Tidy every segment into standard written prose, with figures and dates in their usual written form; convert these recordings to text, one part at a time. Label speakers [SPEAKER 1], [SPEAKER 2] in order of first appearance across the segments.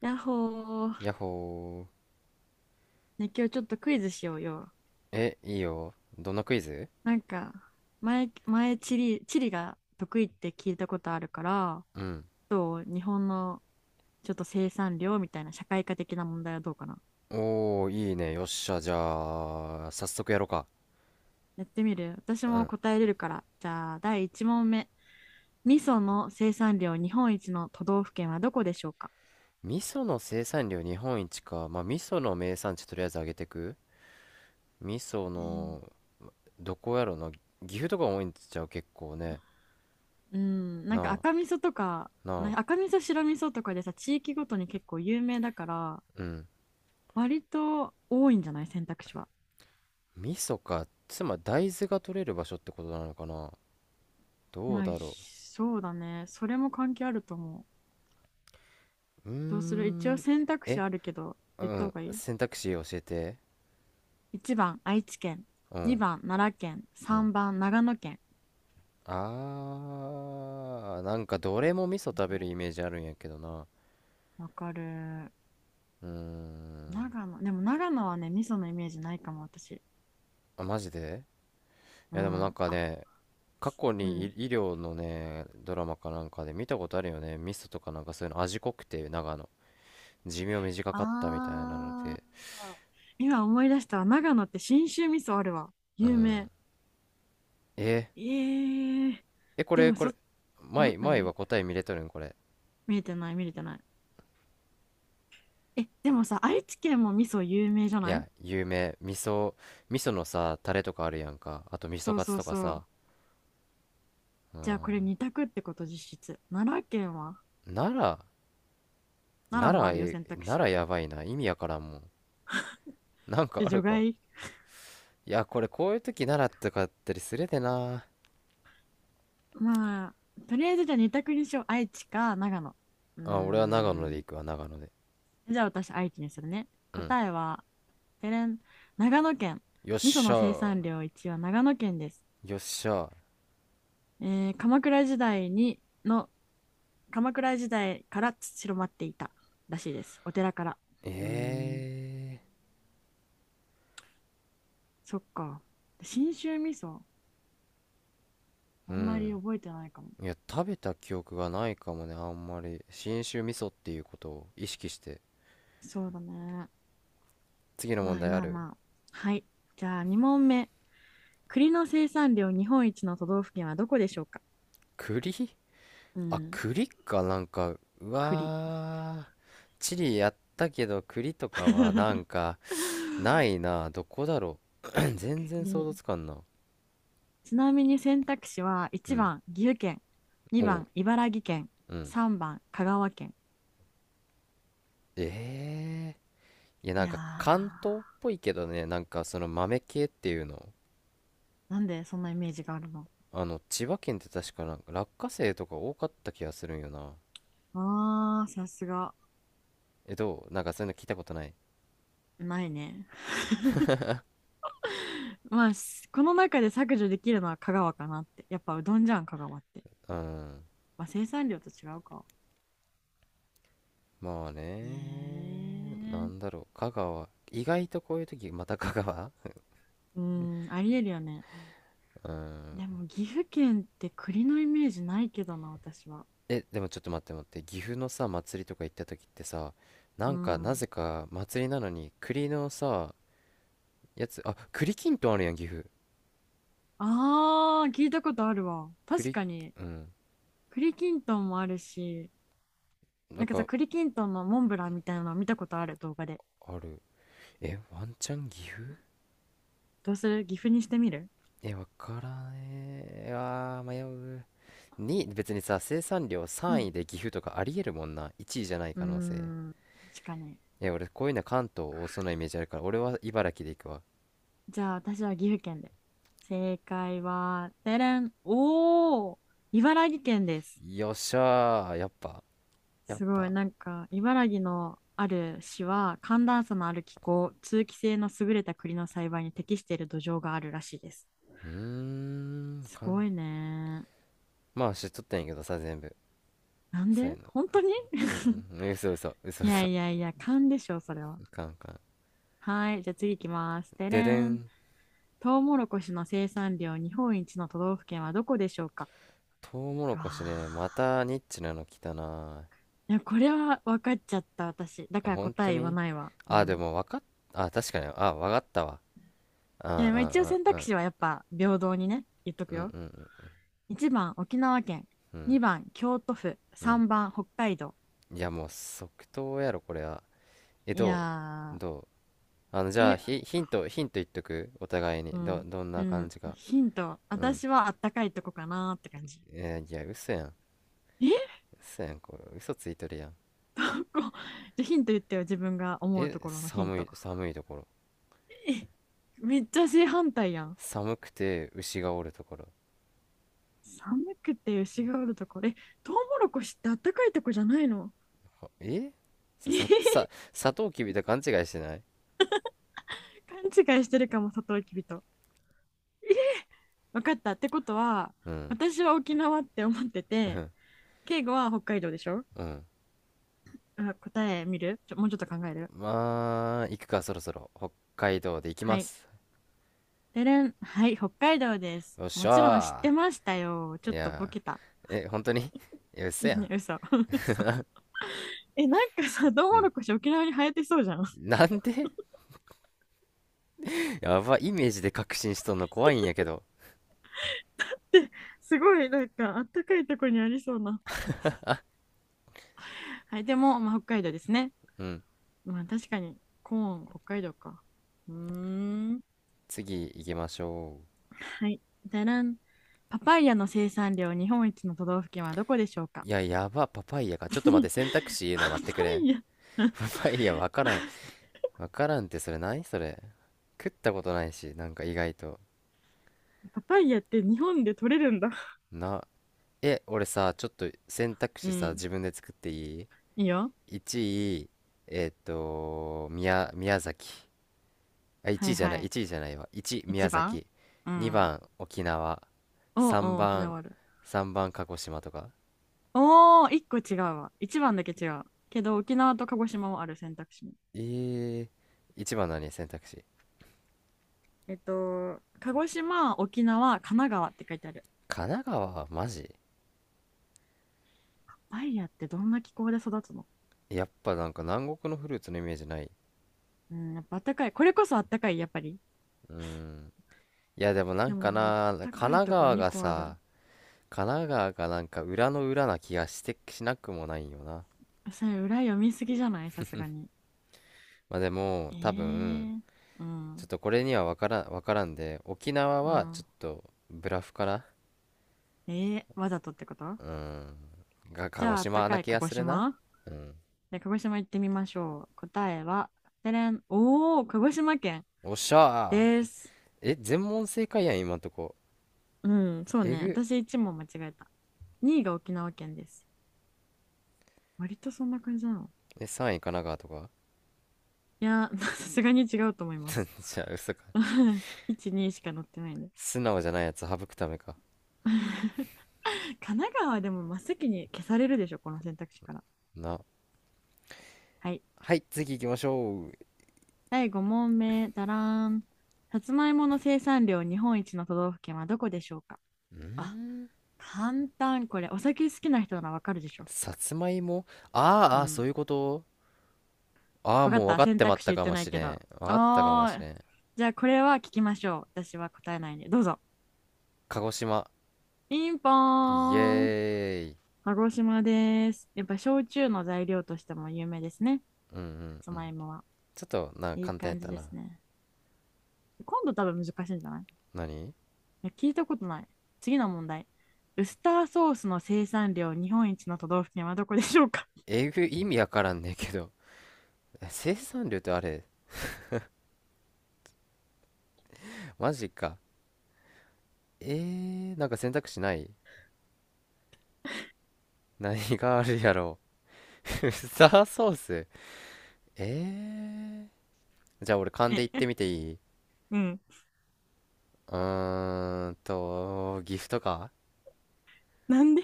[SPEAKER 1] やっほ
[SPEAKER 2] や
[SPEAKER 1] ー。
[SPEAKER 2] っほー。
[SPEAKER 1] ね、今日ちょっとクイズしようよ。
[SPEAKER 2] いいよ。どんなクイズ？
[SPEAKER 1] なんか、前、地理が得意って聞いたことあるから、
[SPEAKER 2] うん。
[SPEAKER 1] どう日本のちょっと生産量みたいな社会科的な問題はどうかな。
[SPEAKER 2] おー、いいね。よっしゃ。じゃあ、早速やろうか。
[SPEAKER 1] やってみる？私
[SPEAKER 2] う
[SPEAKER 1] も
[SPEAKER 2] ん。
[SPEAKER 1] 答えれるから。じゃあ、第1問目。味噌の生産量日本一の都道府県はどこでしょうか？
[SPEAKER 2] 味噌の生産量日本一か。まあ、味噌の名産地とりあえず上げてく。味噌
[SPEAKER 1] えー
[SPEAKER 2] の、どこやろな。岐阜とか多いんちゃう、結構ね。
[SPEAKER 1] うん、なん
[SPEAKER 2] な
[SPEAKER 1] か
[SPEAKER 2] あ、
[SPEAKER 1] 赤味噌とか、
[SPEAKER 2] なあ。
[SPEAKER 1] 赤味噌、白味噌とかでさ、地域ごとに結構有名だから、
[SPEAKER 2] うん。
[SPEAKER 1] 割と多いんじゃない？選択肢は。
[SPEAKER 2] 味噌か。つまり大豆が取れる場所ってことなのかな。どう
[SPEAKER 1] まあ、
[SPEAKER 2] だろ
[SPEAKER 1] そうだね。それも関係あると思う。
[SPEAKER 2] う。うー
[SPEAKER 1] どうする？一応
[SPEAKER 2] ん。
[SPEAKER 1] 選択肢
[SPEAKER 2] え、
[SPEAKER 1] あるけど、
[SPEAKER 2] う
[SPEAKER 1] 言った方
[SPEAKER 2] ん。
[SPEAKER 1] がいい
[SPEAKER 2] 選択肢教えて。
[SPEAKER 1] ?1 番、愛知県。
[SPEAKER 2] うん。
[SPEAKER 1] 2番、奈良県。
[SPEAKER 2] うん。
[SPEAKER 1] 3番、長野県。
[SPEAKER 2] あー、なんかどれも味噌
[SPEAKER 1] うん、
[SPEAKER 2] 食べるイメージあるんやけどな。
[SPEAKER 1] わかる。
[SPEAKER 2] うーん。
[SPEAKER 1] 長野。でも長野はね、味噌のイメージないかも、私。
[SPEAKER 2] あ、マジで？い
[SPEAKER 1] う
[SPEAKER 2] やでもなん
[SPEAKER 1] ん。
[SPEAKER 2] か
[SPEAKER 1] あ、
[SPEAKER 2] ね、過去
[SPEAKER 1] う
[SPEAKER 2] に
[SPEAKER 1] ん。
[SPEAKER 2] 医療のね、ドラマかなんかで見たことあるよね。味噌とかなんかそういうの味濃くて、長野。寿命短かったみたいなの
[SPEAKER 1] あー。
[SPEAKER 2] で。
[SPEAKER 1] 今思い出したわ。長野って信州味噌あるわ。
[SPEAKER 2] う
[SPEAKER 1] 有名。
[SPEAKER 2] ん。え、
[SPEAKER 1] えー。
[SPEAKER 2] こ
[SPEAKER 1] で
[SPEAKER 2] れ、
[SPEAKER 1] も、
[SPEAKER 2] これ、前は
[SPEAKER 1] 何？
[SPEAKER 2] 答え見れとるんこれ。
[SPEAKER 1] 見えてない、見れてない。え、でもさ、愛知県も味噌有名じゃ
[SPEAKER 2] い
[SPEAKER 1] ない？
[SPEAKER 2] や、有名。味噌のさ、タレとかあるやんか。あと味噌
[SPEAKER 1] そう
[SPEAKER 2] カツ
[SPEAKER 1] そう
[SPEAKER 2] とか
[SPEAKER 1] そう。
[SPEAKER 2] さ。
[SPEAKER 1] じゃあこれ二択ってこと実質。奈良県は？
[SPEAKER 2] 奈良、
[SPEAKER 1] 奈良もあるよ、選択肢。
[SPEAKER 2] 奈良やばいな。意味やからんもん。なんか
[SPEAKER 1] え、
[SPEAKER 2] あ
[SPEAKER 1] 除
[SPEAKER 2] るか？
[SPEAKER 1] 外？
[SPEAKER 2] いや、これ、こういう時奈良とかあったりするでな。
[SPEAKER 1] まあ、とりあえずじゃあ二択にしよう。愛知か長野。うー
[SPEAKER 2] あ、俺は長野で
[SPEAKER 1] ん。
[SPEAKER 2] 行くわ、長野で。
[SPEAKER 1] じゃあ私愛知にするね。
[SPEAKER 2] うん。
[SPEAKER 1] 答えは、てれん、長野県。
[SPEAKER 2] よっ
[SPEAKER 1] 味噌
[SPEAKER 2] しゃ
[SPEAKER 1] の生
[SPEAKER 2] ー。
[SPEAKER 1] 産量一位は長野県です。
[SPEAKER 2] よっしゃー。
[SPEAKER 1] えー鎌倉時代にの、鎌倉時代から広まっていたらしいです。お寺から。うーん。
[SPEAKER 2] え
[SPEAKER 1] そっか。信州味噌、あ
[SPEAKER 2] う
[SPEAKER 1] んまり
[SPEAKER 2] ん。
[SPEAKER 1] 覚えてないかも。
[SPEAKER 2] いや、食べた記憶がないかもね、あんまり信州味噌っていうことを意識して。
[SPEAKER 1] そうだね。
[SPEAKER 2] 次の問
[SPEAKER 1] まあ
[SPEAKER 2] 題あ
[SPEAKER 1] まあ
[SPEAKER 2] る？
[SPEAKER 1] まあ。はい。じゃあ2問目。栗の生産量日本一の都道府県はどこでしょうか？
[SPEAKER 2] 栗。
[SPEAKER 1] う
[SPEAKER 2] あ、
[SPEAKER 1] ん。
[SPEAKER 2] 栗かなんか。う
[SPEAKER 1] 栗。
[SPEAKER 2] わー、チリやったけど栗とかはなん かないな。どこだろう。 全然想
[SPEAKER 1] 栗。
[SPEAKER 2] 像つかんな。
[SPEAKER 1] ちなみに選択肢は
[SPEAKER 2] う
[SPEAKER 1] 1
[SPEAKER 2] ん。
[SPEAKER 1] 番岐阜県、
[SPEAKER 2] お
[SPEAKER 1] 2
[SPEAKER 2] う。
[SPEAKER 1] 番茨城県、
[SPEAKER 2] うん。
[SPEAKER 1] 3番香川県。
[SPEAKER 2] ええーいや、な
[SPEAKER 1] い
[SPEAKER 2] ん
[SPEAKER 1] やー、
[SPEAKER 2] か関東っぽいけどね、なんかその豆系っていうの。
[SPEAKER 1] なんでそんなイメージがあるの？
[SPEAKER 2] あの千葉県って確かなんか落花生とか多かった気がするんよな。
[SPEAKER 1] あー、さすが。
[SPEAKER 2] え、どう？なんかそういうの聞いたことない？
[SPEAKER 1] ないね。まあ、この中で削除できるのは香川かなって。やっぱうどんじゃん、香川って。
[SPEAKER 2] うん。
[SPEAKER 1] まあ、生産量と違うか。
[SPEAKER 2] まあね、な
[SPEAKER 1] ね
[SPEAKER 2] んだろう、香川意外とこういう時また香川。
[SPEAKER 1] え、うん、ありえるよね。
[SPEAKER 2] うん。
[SPEAKER 1] でも岐阜県って栗のイメージないけどな、私は。
[SPEAKER 2] え、でもちょっと待って待って、岐阜のさ祭りとか行った時ってさ、な
[SPEAKER 1] う
[SPEAKER 2] んかな
[SPEAKER 1] ん。
[SPEAKER 2] ぜか祭りなのに栗のさ、やつ。あ、栗きんとんあるやん、岐阜。
[SPEAKER 1] ああ、聞いたことあるわ。確
[SPEAKER 2] 栗。
[SPEAKER 1] かに。
[SPEAKER 2] うん。
[SPEAKER 1] 栗きんとんもあるし、
[SPEAKER 2] な
[SPEAKER 1] な
[SPEAKER 2] ん
[SPEAKER 1] んかさ、
[SPEAKER 2] か
[SPEAKER 1] 栗きんとんのモンブランみたいなの見たことある動画で。
[SPEAKER 2] ある。え、ワンチャン岐阜。
[SPEAKER 1] どうする？岐阜にしてみる？
[SPEAKER 2] え、わからねえ。あー、迷う。別にさ、生産量
[SPEAKER 1] う
[SPEAKER 2] 3位
[SPEAKER 1] ん、
[SPEAKER 2] で岐阜とかありえるもんな。1位じゃない
[SPEAKER 1] うー
[SPEAKER 2] 可能性。
[SPEAKER 1] ん、確かに。
[SPEAKER 2] え、俺、こういうの関東多そうなイメージあるから、俺は茨城で行くわ。
[SPEAKER 1] じゃあ私は岐阜県で。正解は、てれん。おー、茨城県です。
[SPEAKER 2] よっしゃー、やっぱ、やっ
[SPEAKER 1] すごい、
[SPEAKER 2] ぱ。
[SPEAKER 1] なんか、茨城のある市は、寒暖差のある気候、通気性の優れた栗の栽培に適している土壌があるらしいです。
[SPEAKER 2] うーん、
[SPEAKER 1] すごいね。
[SPEAKER 2] まあ、知っとったんやけどさ、全部。
[SPEAKER 1] なん
[SPEAKER 2] そう
[SPEAKER 1] で？
[SPEAKER 2] やな。
[SPEAKER 1] 本当に？
[SPEAKER 2] うん、 うん、うん、嘘嘘、嘘
[SPEAKER 1] いや
[SPEAKER 2] 嘘。
[SPEAKER 1] いやいや、勘でしょ、それは。
[SPEAKER 2] いかんいかん。
[SPEAKER 1] はい、じゃあ次行きます。て
[SPEAKER 2] でで
[SPEAKER 1] れん。
[SPEAKER 2] ん。
[SPEAKER 1] トウモロコシの生産量日本一の都道府県はどこでしょうか？
[SPEAKER 2] トウモロ
[SPEAKER 1] わ
[SPEAKER 2] コシね、ま
[SPEAKER 1] あ。
[SPEAKER 2] たニッチなの来たな。
[SPEAKER 1] いや、これは分かっちゃった、私。だから
[SPEAKER 2] 本
[SPEAKER 1] 答
[SPEAKER 2] 当
[SPEAKER 1] え言わ
[SPEAKER 2] に？
[SPEAKER 1] ないわ。う
[SPEAKER 2] あ、で
[SPEAKER 1] ん。
[SPEAKER 2] も分かっ、あ、確かに、あ、分かったわ。う
[SPEAKER 1] い
[SPEAKER 2] ん、
[SPEAKER 1] や、ま
[SPEAKER 2] う
[SPEAKER 1] あ
[SPEAKER 2] ん、
[SPEAKER 1] 一応
[SPEAKER 2] うん、
[SPEAKER 1] 選
[SPEAKER 2] う
[SPEAKER 1] 択
[SPEAKER 2] ん、
[SPEAKER 1] 肢はやっぱ平等にね、言っとく
[SPEAKER 2] うん、
[SPEAKER 1] よ。
[SPEAKER 2] うん、
[SPEAKER 1] 1番沖縄県、
[SPEAKER 2] うん、
[SPEAKER 1] 2番京都府、
[SPEAKER 2] うん。
[SPEAKER 1] 3番北海道。
[SPEAKER 2] いや、もう即答やろ、これは。え、
[SPEAKER 1] い
[SPEAKER 2] どう
[SPEAKER 1] や
[SPEAKER 2] どうあの、じ
[SPEAKER 1] ー、
[SPEAKER 2] ゃあ、
[SPEAKER 1] え、
[SPEAKER 2] ヒント言っとくお互いに。
[SPEAKER 1] う
[SPEAKER 2] ど、
[SPEAKER 1] ん、
[SPEAKER 2] どん
[SPEAKER 1] う
[SPEAKER 2] な感
[SPEAKER 1] ん、
[SPEAKER 2] じか。
[SPEAKER 1] ヒント、
[SPEAKER 2] うん。
[SPEAKER 1] 私はあったかいとこかなーって感じ。
[SPEAKER 2] いや、嘘やん。
[SPEAKER 1] え、
[SPEAKER 2] 嘘やん、これ。嘘ついとるやん。
[SPEAKER 1] こう、じゃあヒント言ってよ、自分が思うと
[SPEAKER 2] え、
[SPEAKER 1] ころのヒント。
[SPEAKER 2] 寒いところ。
[SPEAKER 1] え、めっちゃ正反対やん。
[SPEAKER 2] 寒くて牛がおるところ。
[SPEAKER 1] 寒くて牛がおるところ。え、トウモロコシってあったかいとこじゃないの？
[SPEAKER 2] はえ、
[SPEAKER 1] え
[SPEAKER 2] さ、
[SPEAKER 1] へへ、
[SPEAKER 2] さ、さ、サトウキビと勘違いしてない？
[SPEAKER 1] 勘違いしてるかも、サトウキビと。分かった。ってことは、
[SPEAKER 2] うん。
[SPEAKER 1] 私は沖縄って思って
[SPEAKER 2] う
[SPEAKER 1] て、
[SPEAKER 2] ん。
[SPEAKER 1] 敬語は北海道でしょ？
[SPEAKER 2] うん。
[SPEAKER 1] あ、答え見る？もうちょっと考える？
[SPEAKER 2] まあ、行くか、そろそろ。北海道で行きま
[SPEAKER 1] はい。
[SPEAKER 2] す。
[SPEAKER 1] でれん。はい、北海道です。
[SPEAKER 2] よっし
[SPEAKER 1] もちろん知っ
[SPEAKER 2] ゃ
[SPEAKER 1] てましたよ。ちょ
[SPEAKER 2] ー。
[SPEAKER 1] っ
[SPEAKER 2] い
[SPEAKER 1] とボ
[SPEAKER 2] や
[SPEAKER 1] ケた。
[SPEAKER 2] ー、本当に、いや、嘘やん。
[SPEAKER 1] 嘘。嘘。え、なんかさ、トウモ
[SPEAKER 2] うん。
[SPEAKER 1] ロコシ沖縄に生えてそうじゃん。
[SPEAKER 2] なんで？ やば、イメージで確信しとんの怖いんやけど。
[SPEAKER 1] で、すごい、なんか、あったかいとこにありそうな。はい、でも、まあ、北海道ですね。
[SPEAKER 2] うん。
[SPEAKER 1] まあ、確かに、コーン、北海道か。うーん。
[SPEAKER 2] 次行きましょ
[SPEAKER 1] はい。だらん。パパイヤの生産量日本一の都道府県はどこでしょう
[SPEAKER 2] う。
[SPEAKER 1] か？
[SPEAKER 2] いや、やば、パパイヤか。ちょっと待って、選択肢 言うの
[SPEAKER 1] パパ
[SPEAKER 2] 待ってくれん。
[SPEAKER 1] イヤ
[SPEAKER 2] パパイヤわからん。わからんってそれ何それ。食ったことないし、なんか意外と。
[SPEAKER 1] パパイヤって日本で取れるんだ。
[SPEAKER 2] な、俺さ、ちょっと選択
[SPEAKER 1] う
[SPEAKER 2] 肢さ、
[SPEAKER 1] ん。
[SPEAKER 2] 自分で作っていい？
[SPEAKER 1] いいよ。
[SPEAKER 2] 1位、宮崎。あ、1
[SPEAKER 1] は
[SPEAKER 2] 位
[SPEAKER 1] い
[SPEAKER 2] じゃな
[SPEAKER 1] は
[SPEAKER 2] い、
[SPEAKER 1] い。
[SPEAKER 2] 1位じゃないわ。1、宮
[SPEAKER 1] 一番、
[SPEAKER 2] 崎。
[SPEAKER 1] うん。
[SPEAKER 2] 2番、沖縄。
[SPEAKER 1] おう
[SPEAKER 2] 3
[SPEAKER 1] おう、沖
[SPEAKER 2] 番、
[SPEAKER 1] 縄ある。
[SPEAKER 2] 3番、鹿児島とか。
[SPEAKER 1] おー、一個違うわ。一番だけ違う。けど、沖縄と鹿児島もある、選択肢に。
[SPEAKER 2] え1番何選択肢。
[SPEAKER 1] 鹿児島、沖縄、神奈川って書いてある。
[SPEAKER 2] 神奈川、マジ？
[SPEAKER 1] バイヤってどんな気候で育つの？
[SPEAKER 2] やっぱなんか南国のフルーツのイメージない。
[SPEAKER 1] うん、やっぱあったかい。これこそあったかい、やっぱり。
[SPEAKER 2] うーん。いや、でもな
[SPEAKER 1] で
[SPEAKER 2] んか
[SPEAKER 1] も、あっ
[SPEAKER 2] な、神
[SPEAKER 1] たかい
[SPEAKER 2] 奈
[SPEAKER 1] とこ
[SPEAKER 2] 川
[SPEAKER 1] 2
[SPEAKER 2] が
[SPEAKER 1] 個ある。
[SPEAKER 2] さ、神奈川がなんか裏の裏な気がして、しなくもないよな。
[SPEAKER 1] それ、裏読みすぎじゃない？さすがに。
[SPEAKER 2] まあでも、
[SPEAKER 1] え
[SPEAKER 2] 多分、
[SPEAKER 1] ー、う
[SPEAKER 2] ちょっ
[SPEAKER 1] ん、
[SPEAKER 2] とこれには分からん、分からんで、沖縄
[SPEAKER 1] う
[SPEAKER 2] はちょ
[SPEAKER 1] ん。
[SPEAKER 2] っとブラフかな。
[SPEAKER 1] わざとってこと？
[SPEAKER 2] うん。
[SPEAKER 1] じ
[SPEAKER 2] 鹿児
[SPEAKER 1] ゃあ、あった
[SPEAKER 2] 島
[SPEAKER 1] か
[SPEAKER 2] な
[SPEAKER 1] い
[SPEAKER 2] 気
[SPEAKER 1] 鹿
[SPEAKER 2] が
[SPEAKER 1] 児
[SPEAKER 2] するな。
[SPEAKER 1] 島
[SPEAKER 2] うん。
[SPEAKER 1] で、鹿児島行ってみましょう。答えは、てれん。おー、鹿児島県
[SPEAKER 2] おっしゃ
[SPEAKER 1] で
[SPEAKER 2] ー。
[SPEAKER 1] す。
[SPEAKER 2] え、全問正解やん、今んとこ。
[SPEAKER 1] うん、そう
[SPEAKER 2] え
[SPEAKER 1] ね。
[SPEAKER 2] ぐ。
[SPEAKER 1] 私1問間違えた。2位が沖縄県です。割とそんな感じなの？
[SPEAKER 2] え、3位神奈川とか？
[SPEAKER 1] いやー、さすがに違うと思います。
[SPEAKER 2] じゃあ、嘘か。
[SPEAKER 1] 1、2しか載ってないね。
[SPEAKER 2] 素直じゃないやつ省くためか。
[SPEAKER 1] 神奈川でも真っ先に消されるでしょ、この選択肢から。
[SPEAKER 2] な。
[SPEAKER 1] はい。
[SPEAKER 2] はい、次行きましょう。ん
[SPEAKER 1] 第5問目、だらーん。さつまいもの生産量日本一の都道府県はどこでしょうか？
[SPEAKER 2] ー
[SPEAKER 1] あ、
[SPEAKER 2] ん。
[SPEAKER 1] 簡単。これ、お酒好きな人ならわかるでしょ。
[SPEAKER 2] さつまいも。あ
[SPEAKER 1] う
[SPEAKER 2] ーあー、そ
[SPEAKER 1] ん。
[SPEAKER 2] ういうこと？ああ、
[SPEAKER 1] わか
[SPEAKER 2] も
[SPEAKER 1] っ
[SPEAKER 2] う分
[SPEAKER 1] た？
[SPEAKER 2] かっ
[SPEAKER 1] 選
[SPEAKER 2] てま
[SPEAKER 1] 択
[SPEAKER 2] っ
[SPEAKER 1] 肢
[SPEAKER 2] た
[SPEAKER 1] 言っ
[SPEAKER 2] か
[SPEAKER 1] て
[SPEAKER 2] も
[SPEAKER 1] ない
[SPEAKER 2] し
[SPEAKER 1] け
[SPEAKER 2] れ
[SPEAKER 1] ど。
[SPEAKER 2] ん。分かったかもし
[SPEAKER 1] あー、
[SPEAKER 2] れん。
[SPEAKER 1] じゃあこれは聞きましょう。私は答えないんで。どうぞ。
[SPEAKER 2] 鹿児島。
[SPEAKER 1] ピンポ
[SPEAKER 2] イエ
[SPEAKER 1] ーン。
[SPEAKER 2] ーイ。
[SPEAKER 1] 鹿児島です。やっぱ焼酎の材料としても有名ですね。
[SPEAKER 2] う
[SPEAKER 1] さ
[SPEAKER 2] ん。
[SPEAKER 1] つ
[SPEAKER 2] うん。
[SPEAKER 1] まいもは。
[SPEAKER 2] ちょっとな、
[SPEAKER 1] いい
[SPEAKER 2] 簡単やっ
[SPEAKER 1] 感じ
[SPEAKER 2] た
[SPEAKER 1] です
[SPEAKER 2] な。
[SPEAKER 1] ね。今度多分難しいんじゃない？
[SPEAKER 2] 何？
[SPEAKER 1] いや聞いたことない。次の問題。ウスターソースの生産量日本一の都道府県はどこでしょうか？
[SPEAKER 2] えぐい、意味わからんねんけど。え、 生産量ってあれ？マジか。えなんか選択肢ない？何があるやろう。 ウスタ ーソース。えー、じゃあ俺勘で 言っ
[SPEAKER 1] え、
[SPEAKER 2] てみていい？
[SPEAKER 1] うん。
[SPEAKER 2] 岐阜とか。
[SPEAKER 1] なんで、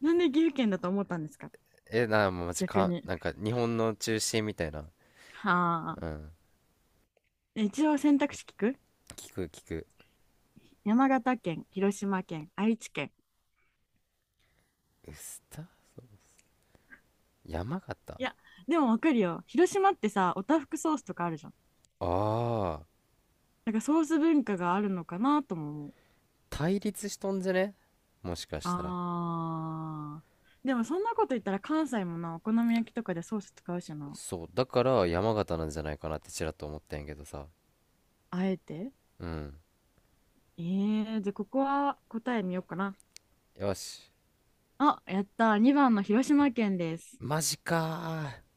[SPEAKER 1] なんで岐阜県だと思ったんですか？
[SPEAKER 2] え、マジ
[SPEAKER 1] 逆
[SPEAKER 2] か、
[SPEAKER 1] に。
[SPEAKER 2] なんか日本の中心みたいな。
[SPEAKER 1] はあ。
[SPEAKER 2] うん。
[SPEAKER 1] 一応選択肢聞く？
[SPEAKER 2] 聞く聞く。
[SPEAKER 1] 山形県、広島県、愛知県。
[SPEAKER 2] ウスタ山形。
[SPEAKER 1] いや、でもわかるよ。広島ってさ、おたふくソースとかあるじゃん。
[SPEAKER 2] ああー、
[SPEAKER 1] なんかソース文化があるのかなとも思う。
[SPEAKER 2] 対立しとんじゃね？もしかしたら。
[SPEAKER 1] あー。でもそんなこと言ったら関西もな、お好み焼きとかでソース使うしな。
[SPEAKER 2] そう、だから山形なんじゃないかなってちらっと思ったんやけどさ。
[SPEAKER 1] あえて
[SPEAKER 2] うん。
[SPEAKER 1] じゃあここは答え見ようかな。
[SPEAKER 2] よし。
[SPEAKER 1] あ、やった。2番の広島県です。
[SPEAKER 2] マジかー。